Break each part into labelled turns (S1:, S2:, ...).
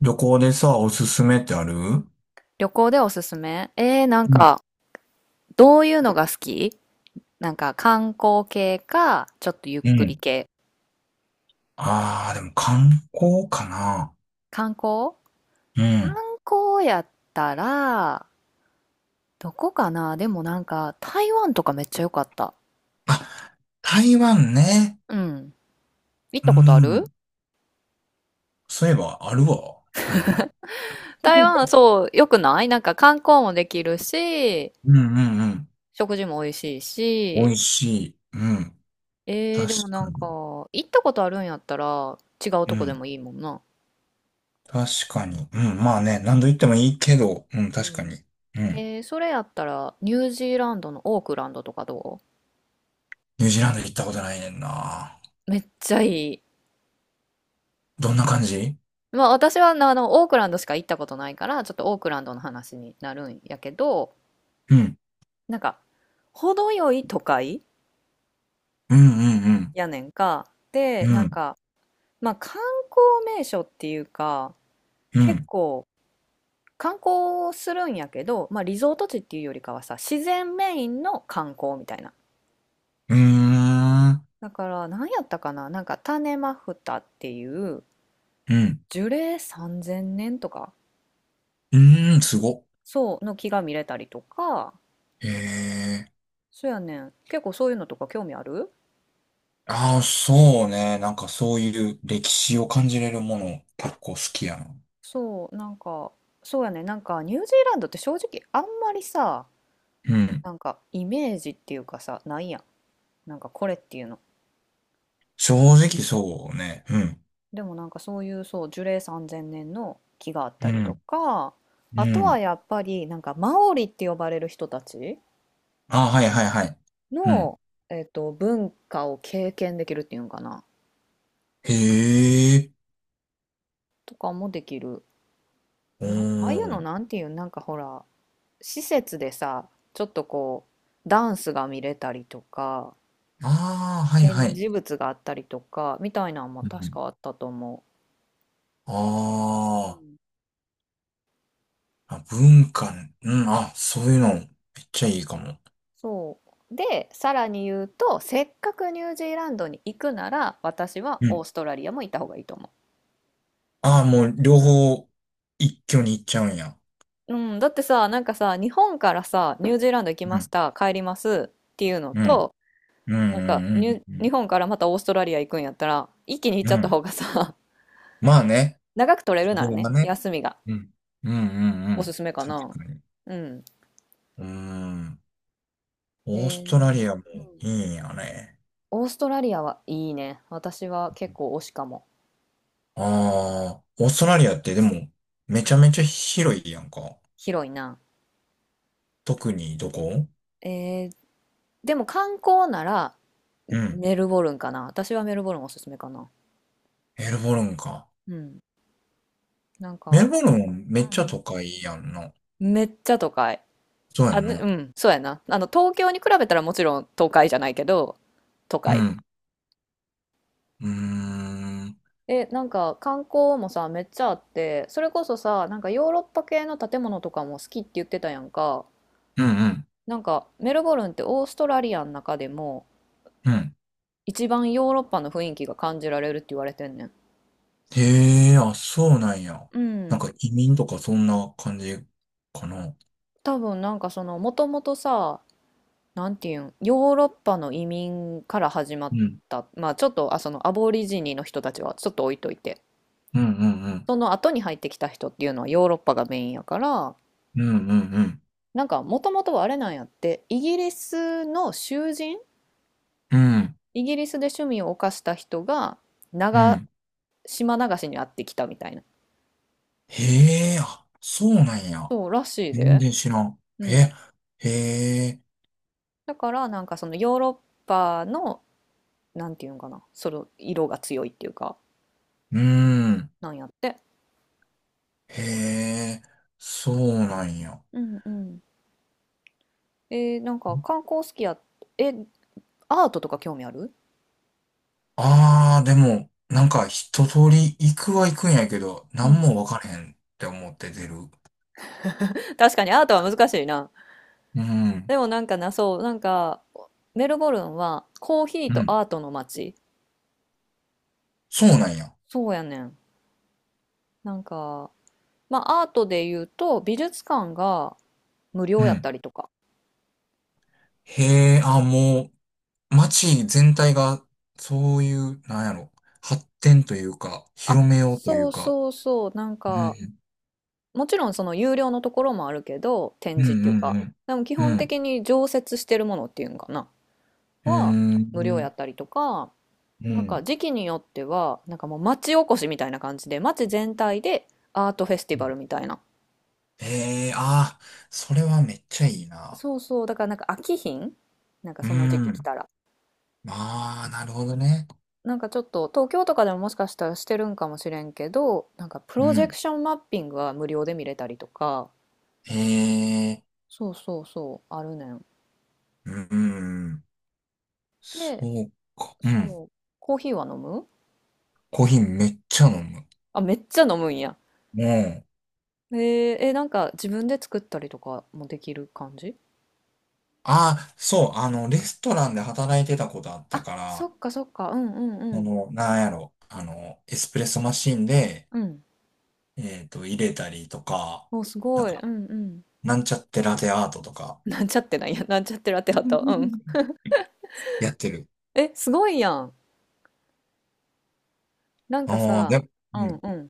S1: 旅行でさ、おすすめってある？う
S2: 旅行でおすすめなん
S1: ん。
S2: か、どういうのが好き？なんか、観光系か、ちょっとゆっ
S1: う
S2: くり
S1: ん。
S2: 系。
S1: ああ、でも観光かな。
S2: 観光
S1: う
S2: 観
S1: ん。
S2: 光やったら、どこかな。でもなんか、台湾とかめっちゃ良かった。
S1: あ、台湾ね。
S2: うん。行っ
S1: う
S2: たことある？
S1: ん。そういえばあるわ、台湾。
S2: 台湾、そう、良くない？なんか観光もできるし、
S1: うんうんうん。
S2: 食事も美味しい
S1: 美
S2: し、
S1: 味しい。うん。確
S2: でもな
S1: か
S2: んか、
S1: に。
S2: 行ったことあるんやったら、違う
S1: う
S2: とこで
S1: ん。
S2: もいいもんな。
S1: 確かに。うん。まあね、何度行ってもいいけど、うん、
S2: う
S1: 確か
S2: ん。
S1: に。うん。
S2: それやったら、ニュージーランドのオークランドとかどう？
S1: ニュージーランド行ったことないねんな。
S2: めっちゃいい。
S1: どんな感じ？
S2: まあ私はなオークランドしか行ったことないから、ちょっとオークランドの話になるんやけど、
S1: うん。
S2: なんか程よい都会
S1: うんうん
S2: やねんか。で
S1: うん。
S2: な
S1: う
S2: ん
S1: ん。
S2: か、まあ観光名所っていうか、
S1: う
S2: 結
S1: ん。
S2: 構観光するんやけど、まあ、リゾート地っていうよりかはさ、自然メインの観光みたいな。
S1: うーん。
S2: だから何やったかな、なんか種マフタっていう、
S1: うん。
S2: 樹齢3000年とか
S1: うーん、すごっ。
S2: そうの木が見れたりとか。
S1: ええ。
S2: そうやねん。結構そういうのとか興味ある？
S1: ああ、そうね。なんかそういう歴史を感じれるもの、結構好きやな。
S2: そう、なんか、そうやねん。なんか、ニュージーランドって正直あんまりさ、
S1: うん。
S2: なんか、イメージっていうかさ、ないやん。なんか、これっていうの。
S1: 正直そうね。うん。
S2: でもなんかそういう、そう、樹齢3000年の木があった
S1: う
S2: りと
S1: ん。
S2: か、あ
S1: う
S2: とは
S1: ん。
S2: やっぱり、なんか、マオリって呼ばれる人たち
S1: ああ、はいはいはい。うん。
S2: の、文化を経験できるっていうんかな。
S1: へえ。
S2: とかもできる。
S1: お
S2: ああいうの
S1: ー。
S2: なんていう、なんかほら、施設でさ、ちょっとこう、ダンスが見れたりとか、
S1: ああ、はいは
S2: 展
S1: い。
S2: 示物があったりとか、みたいなのも
S1: う
S2: 確
S1: ん。
S2: かあったと思
S1: あ
S2: う。
S1: ー、
S2: うん、
S1: あ、文化ね、うん。あ、そういうの、めっちゃいいかも。
S2: そう。で、さらに言うと、せっかくニュージーランドに行くなら、私は
S1: う
S2: オ
S1: ん。
S2: ーストラリアも行った方がいいと思
S1: ああ、もう両方、一挙に行っちゃうんや。
S2: う。うん、だってさ、なんかさ、日本からさ、ニュージーランド行き
S1: う
S2: まし
S1: ん。
S2: た、帰りますっていうの
S1: うん。
S2: と、
S1: うん。
S2: なんか
S1: うん。う
S2: 日
S1: ん。
S2: 本からまたオーストラリア行くんやったら、一気に行っ
S1: う
S2: ちゃ
S1: ん。う
S2: った
S1: ん、
S2: 方がさ、
S1: まあね。
S2: 長く取れるなら
S1: 動画
S2: ね、
S1: ね。
S2: 休みが。
S1: うん。うんうんう
S2: おす
S1: ん。
S2: すめか
S1: 確
S2: な。
S1: かに。
S2: うん。
S1: うーん。
S2: え
S1: オー
S2: え。
S1: ス
S2: う
S1: トラ
S2: ん。
S1: リアもいいんやね。
S2: オーストラリアはいいね。私は結構推しかも。
S1: ああ、オーストラリアってでも、め
S2: う
S1: ちゃ
S2: ん。
S1: めちゃ広いやんか。
S2: 広いな。
S1: 特にどこ？
S2: ええ、でも観光なら、
S1: うん。
S2: メルボルンかな。私はメルボルンおすすめかな。
S1: メルボルンか。
S2: うん。なん
S1: メル
S2: か、
S1: ボルンめっちゃ
S2: う
S1: 都
S2: ん
S1: 会やんな。
S2: うん。めっちゃ都会。
S1: そうや
S2: あ、
S1: ん
S2: ね、う
S1: な。
S2: ん、そうやな。東京に比べたらもちろん都会じゃないけど、都
S1: う
S2: 会。
S1: ん。うーん。うん
S2: え、なんか観光もさ、めっちゃあって、それこそさ、なんかヨーロッパ系の建物とかも好きって言ってたやんか。
S1: うん。
S2: なんかメルボルンってオーストラリアの中でも、
S1: うん。
S2: 一番ヨーロッパの雰囲気が感じられるって言われてんねん。
S1: へえ、あ、そうなんや。
S2: う
S1: なん
S2: ん。
S1: か移民とかそんな感じかな。
S2: 多分なんかそのもともとさ、なんていうん、ヨーロッパの移民から始まっ
S1: うん。
S2: た、まあちょっとそのアボリジニの人たちはちょっと置いといて、
S1: うんうんうん。
S2: その後に入ってきた人っていうのはヨーロッパがメインやから、
S1: うんうんうん。
S2: なんかもともとはあれなんやって、イギリスの囚人、
S1: うん。
S2: イギリスで趣味を犯した人が、
S1: う
S2: 長
S1: ん。
S2: 島流しに会ってきたみたいな。
S1: へえ、あ、そうなんや。
S2: そうらしい
S1: 全
S2: で。
S1: 然知らん。
S2: うん。
S1: え、へえ、
S2: だからなんかそのヨーロッパの、なんていうのかな、その色が強いっていうか、
S1: うん。
S2: なんやって。
S1: へえ、そうなんや。
S2: うんうん。なんか観光好きや？え、アートとか興味ある？
S1: ああ、でも、なんか一通り行くは行くんやけど、
S2: う
S1: なん
S2: ん。
S1: もわからへんって思って出る。
S2: 確かにアートは難しいな。
S1: うん。
S2: でもなんかな、そう、なんかメルボルンはコーヒー
S1: う
S2: と
S1: ん。
S2: アートの街。
S1: そうなんや。
S2: そうやねん。なんか、まあアートで言うと、美術館が無
S1: う
S2: 料やっ
S1: ん。
S2: たりとか。
S1: へえ、あ、もう、街全体が、そういう、なんやろ、発展というか、
S2: あ、
S1: 広めようとい
S2: そ
S1: う
S2: う
S1: か。
S2: そうそう、なん
S1: う
S2: か、
S1: ん。
S2: もちろんその有料のところもあるけど、展
S1: うん
S2: 示っていう
S1: う
S2: か、
S1: ん
S2: でも基
S1: うん。う
S2: 本
S1: ん。
S2: 的に常設してるものっていうんかな
S1: うー
S2: は無料
S1: ん。
S2: やったりとか、
S1: う
S2: なんか
S1: ん。
S2: 時期によっては、なんかもう町おこしみたいな感じで、町全体でアートフェスティバルみたいな。
S1: ええー、ああ、それはめっちゃいいな。
S2: そうそう、だからなんか飽きひん、なんか
S1: う
S2: その時期来
S1: ん。
S2: たら。
S1: ああ、なるほどね。
S2: なんかちょっと東京とかでも、もしかしたらしてるんかもしれんけど、なんかプ
S1: う
S2: ロジェク
S1: ん。
S2: ションマッピングは無料で見れたりとか、
S1: ええ
S2: そうそうそう、あるねん。
S1: ー、うん。そ
S2: で、
S1: うか。うん。
S2: そう、コーヒーは飲む？
S1: コーヒーめっちゃ飲む。
S2: あ、めっちゃ飲むんや。
S1: もう、
S2: なんか自分で作ったりとかもできる感じ？
S1: ああ、そう、あの、レストランで働いてたことあった
S2: あ、
S1: か
S2: そ
S1: ら、
S2: っかそっか。うんうんう
S1: そ
S2: ん。
S1: の、なんやろ、あの、エスプレッソマシンで、
S2: うん。
S1: 入れたりとか、
S2: もうす
S1: な
S2: ご
S1: ん
S2: い。
S1: か、
S2: うんうん。
S1: なんちゃってラテアートとか、
S2: なんちゃってなんや。なんちゃってラテハト。うん。
S1: やってる。
S2: え、すごいやん。なんか
S1: ああ、
S2: さ、
S1: で、
S2: う
S1: う
S2: ん
S1: ん。
S2: うん。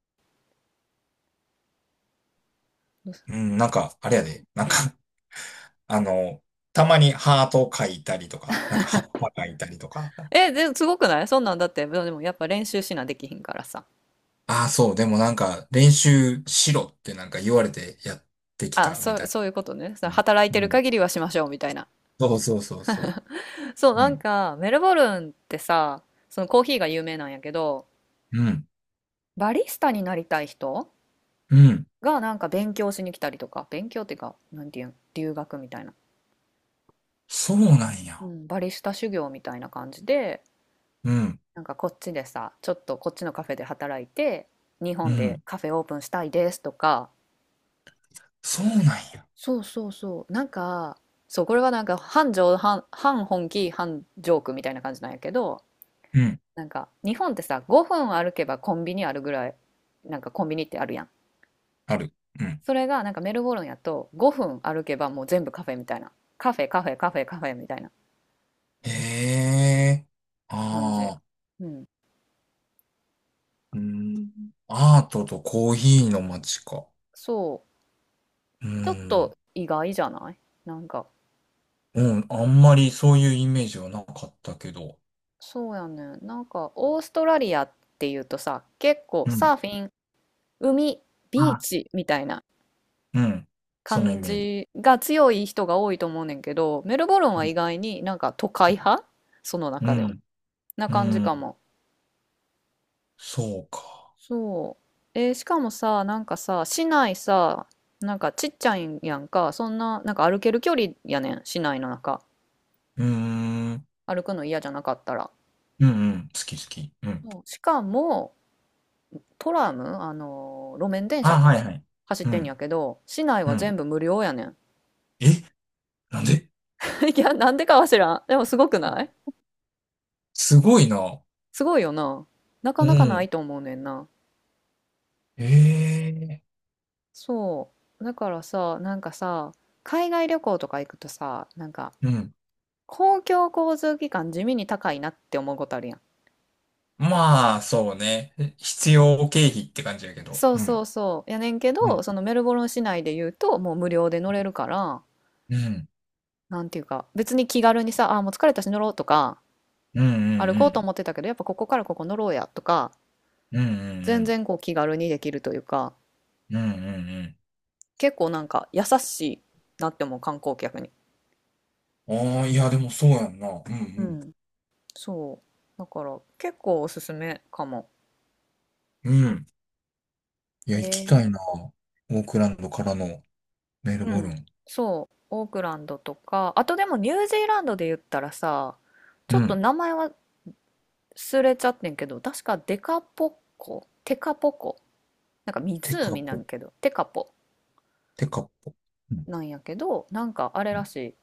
S2: どうす、
S1: うん、なんか、あれやで、なん
S2: う
S1: か
S2: ん。
S1: あの、たまにハート書いたりとか、なんか葉っぱ書いたりとか。
S2: え、で、すごくない？そんなんだって、でもやっぱ練習しなできひんからさ。
S1: ああ、そう、でもなんか、練習しろってなんか言われてやってき
S2: あ、
S1: たみ
S2: そう、
S1: たい
S2: そういうことね。その
S1: な。うん。
S2: 働いて
S1: う
S2: る
S1: ん、
S2: 限りはしましょうみたいな。
S1: そうそうそうそ
S2: そう、
S1: う。う
S2: なん
S1: ん。
S2: か、メルボルンってさ、そのコーヒーが有名なんやけど、
S1: うん。
S2: バリスタになりたい人
S1: うん。
S2: がなんか勉強しに来たりとか、勉強っていうか、なんていうん、留学みたいな。
S1: そうなん
S2: う
S1: や。
S2: ん、バリスタ修行みたいな感じで、
S1: うん。
S2: なんかこっちでさ、ちょっとこっちのカフェで働いて、日
S1: う
S2: 本で
S1: ん。
S2: カフェオープンしたいですとか、
S1: そうなんや。
S2: そうそうそう、なんか、そう、これはなんか半本気、半ジョークみたいな感じなんやけど、
S1: うん。
S2: なんか日本ってさ、5分歩けばコンビニあるぐらい、なんかコンビニってあるやん。
S1: ある。うん。
S2: それがなんかメルボルンやと5分歩けばもう全部カフェみたいな。カフェカフェカフェカフェみたいな
S1: へえ。
S2: 感じ。
S1: ああ。
S2: うん。
S1: うん。アートとコーヒーの街か。
S2: そう。
S1: う
S2: ちょっ
S1: ん。
S2: と意外じゃない？なんか、
S1: うん、あんまりそういうイメージはなかったけど。
S2: そうやねん。なんか、オーストラリアっていうとさ、結構
S1: うん。
S2: サーフィン、海、ビー
S1: あ、
S2: チみたいな
S1: うん。そのイ
S2: 感
S1: メージ。
S2: じが強い人が多いと思うねんけど、メルボルン
S1: う
S2: は
S1: ん。
S2: 意外になんか都会派、その
S1: う
S2: 中でも。
S1: ん。
S2: な
S1: う
S2: 感じ
S1: ん、
S2: かも。
S1: そうか。
S2: そう。しかもさ、なんかさ、市内さ、なんかちっちゃいんやんか、そんな、なんか歩ける距離やねん、市内の中。
S1: うーん。うん
S2: 歩くの嫌じゃなかったら。
S1: うん。好き好き。うん。
S2: そう。しかも、トラム、路面電車
S1: あ、
S2: か。
S1: はいはい。
S2: 走っ
S1: う
S2: てんや
S1: ん。
S2: けど、市内
S1: う
S2: は
S1: ん。
S2: 全部無料やねん。
S1: え、なんで？
S2: いや、なんでかは知らん。でもすごくない？
S1: すごいな。
S2: すごいよな。なか
S1: う
S2: なかな
S1: ん。
S2: いと思うねんな。
S1: ええ。
S2: そう。だからさ、なんかさ、海外旅行とか行くとさ、なんか、
S1: うん。
S2: 公共交通機関地味に高いなって思うことあるやん。
S1: まあ、そうね。必要経費って感じやけど。
S2: そう
S1: う
S2: そ
S1: ん。
S2: うそう。やねんけ
S1: う
S2: ど、
S1: ん。
S2: そのメルボルン市内で言うと、もう無料で乗れるから、
S1: うん。
S2: なんていうか、別に気軽にさ、もう疲れたし乗ろうとか、
S1: うんうんう
S2: 歩こうと
S1: ん。
S2: 思ってたけど、やっぱここからここ乗ろうやとか、
S1: うんうんう
S2: 全
S1: ん。
S2: 然こう気軽にできるというか、
S1: うんうん
S2: 結構なんか優しいなって思う、観光客に。
S1: うん。ああ、いや、でもそうやんな。う
S2: う
S1: ん
S2: ん、そう。だから結構おすすめかも。
S1: うん。うん。い
S2: え
S1: や、行きた
S2: ー、
S1: いな。オークランドからのメル
S2: う
S1: ボル
S2: ん、
S1: ン。
S2: そう、オークランドとか、あとでもニュージーランドで言ったらさ、ちょ
S1: う
S2: っと
S1: ん。
S2: 名前は忘れちゃってんけど、確かデカポッコ、テカポコ、なんか
S1: テカ
S2: 湖な
S1: ポ、
S2: んけど、テカポ
S1: テカポ。うん。
S2: なんやけど、なんかあれ
S1: う
S2: ら
S1: ん、
S2: しい、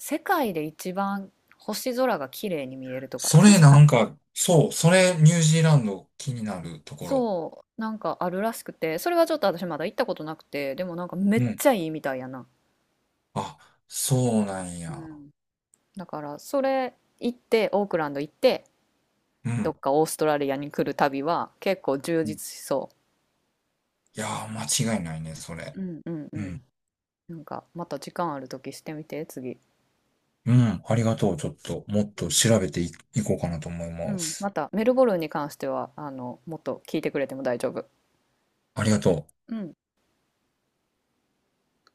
S2: 世界で一番星空が綺麗に見えるとか、
S1: それ
S2: 確
S1: な
S2: か、
S1: んか、そう、それニュージーランド気になるところ。
S2: そう、なんかあるらしくて、それはちょっと私まだ行ったことなくて、でもなんかめっ
S1: うん。
S2: ちゃいいみたいやな。
S1: あ、そうなん
S2: う
S1: や。
S2: ん。だからそれ行って、オークランド行って、
S1: う
S2: どっ
S1: ん。
S2: かオーストラリアに来る旅は結構充
S1: うん、
S2: 実しそ
S1: いやー、間違いないね、それ。
S2: う。うんうんう
S1: うん。
S2: ん。なんかまた時間ある時してみて、次。
S1: うん。ありがとう。ちょっと、もっ
S2: う
S1: と
S2: ん、
S1: 調べてい、いこうかなと思い
S2: う
S1: ま
S2: ん、ま
S1: す。
S2: たメルボルンに関しては、もっと聞いてくれても大丈夫。
S1: ありがとう。
S2: うん。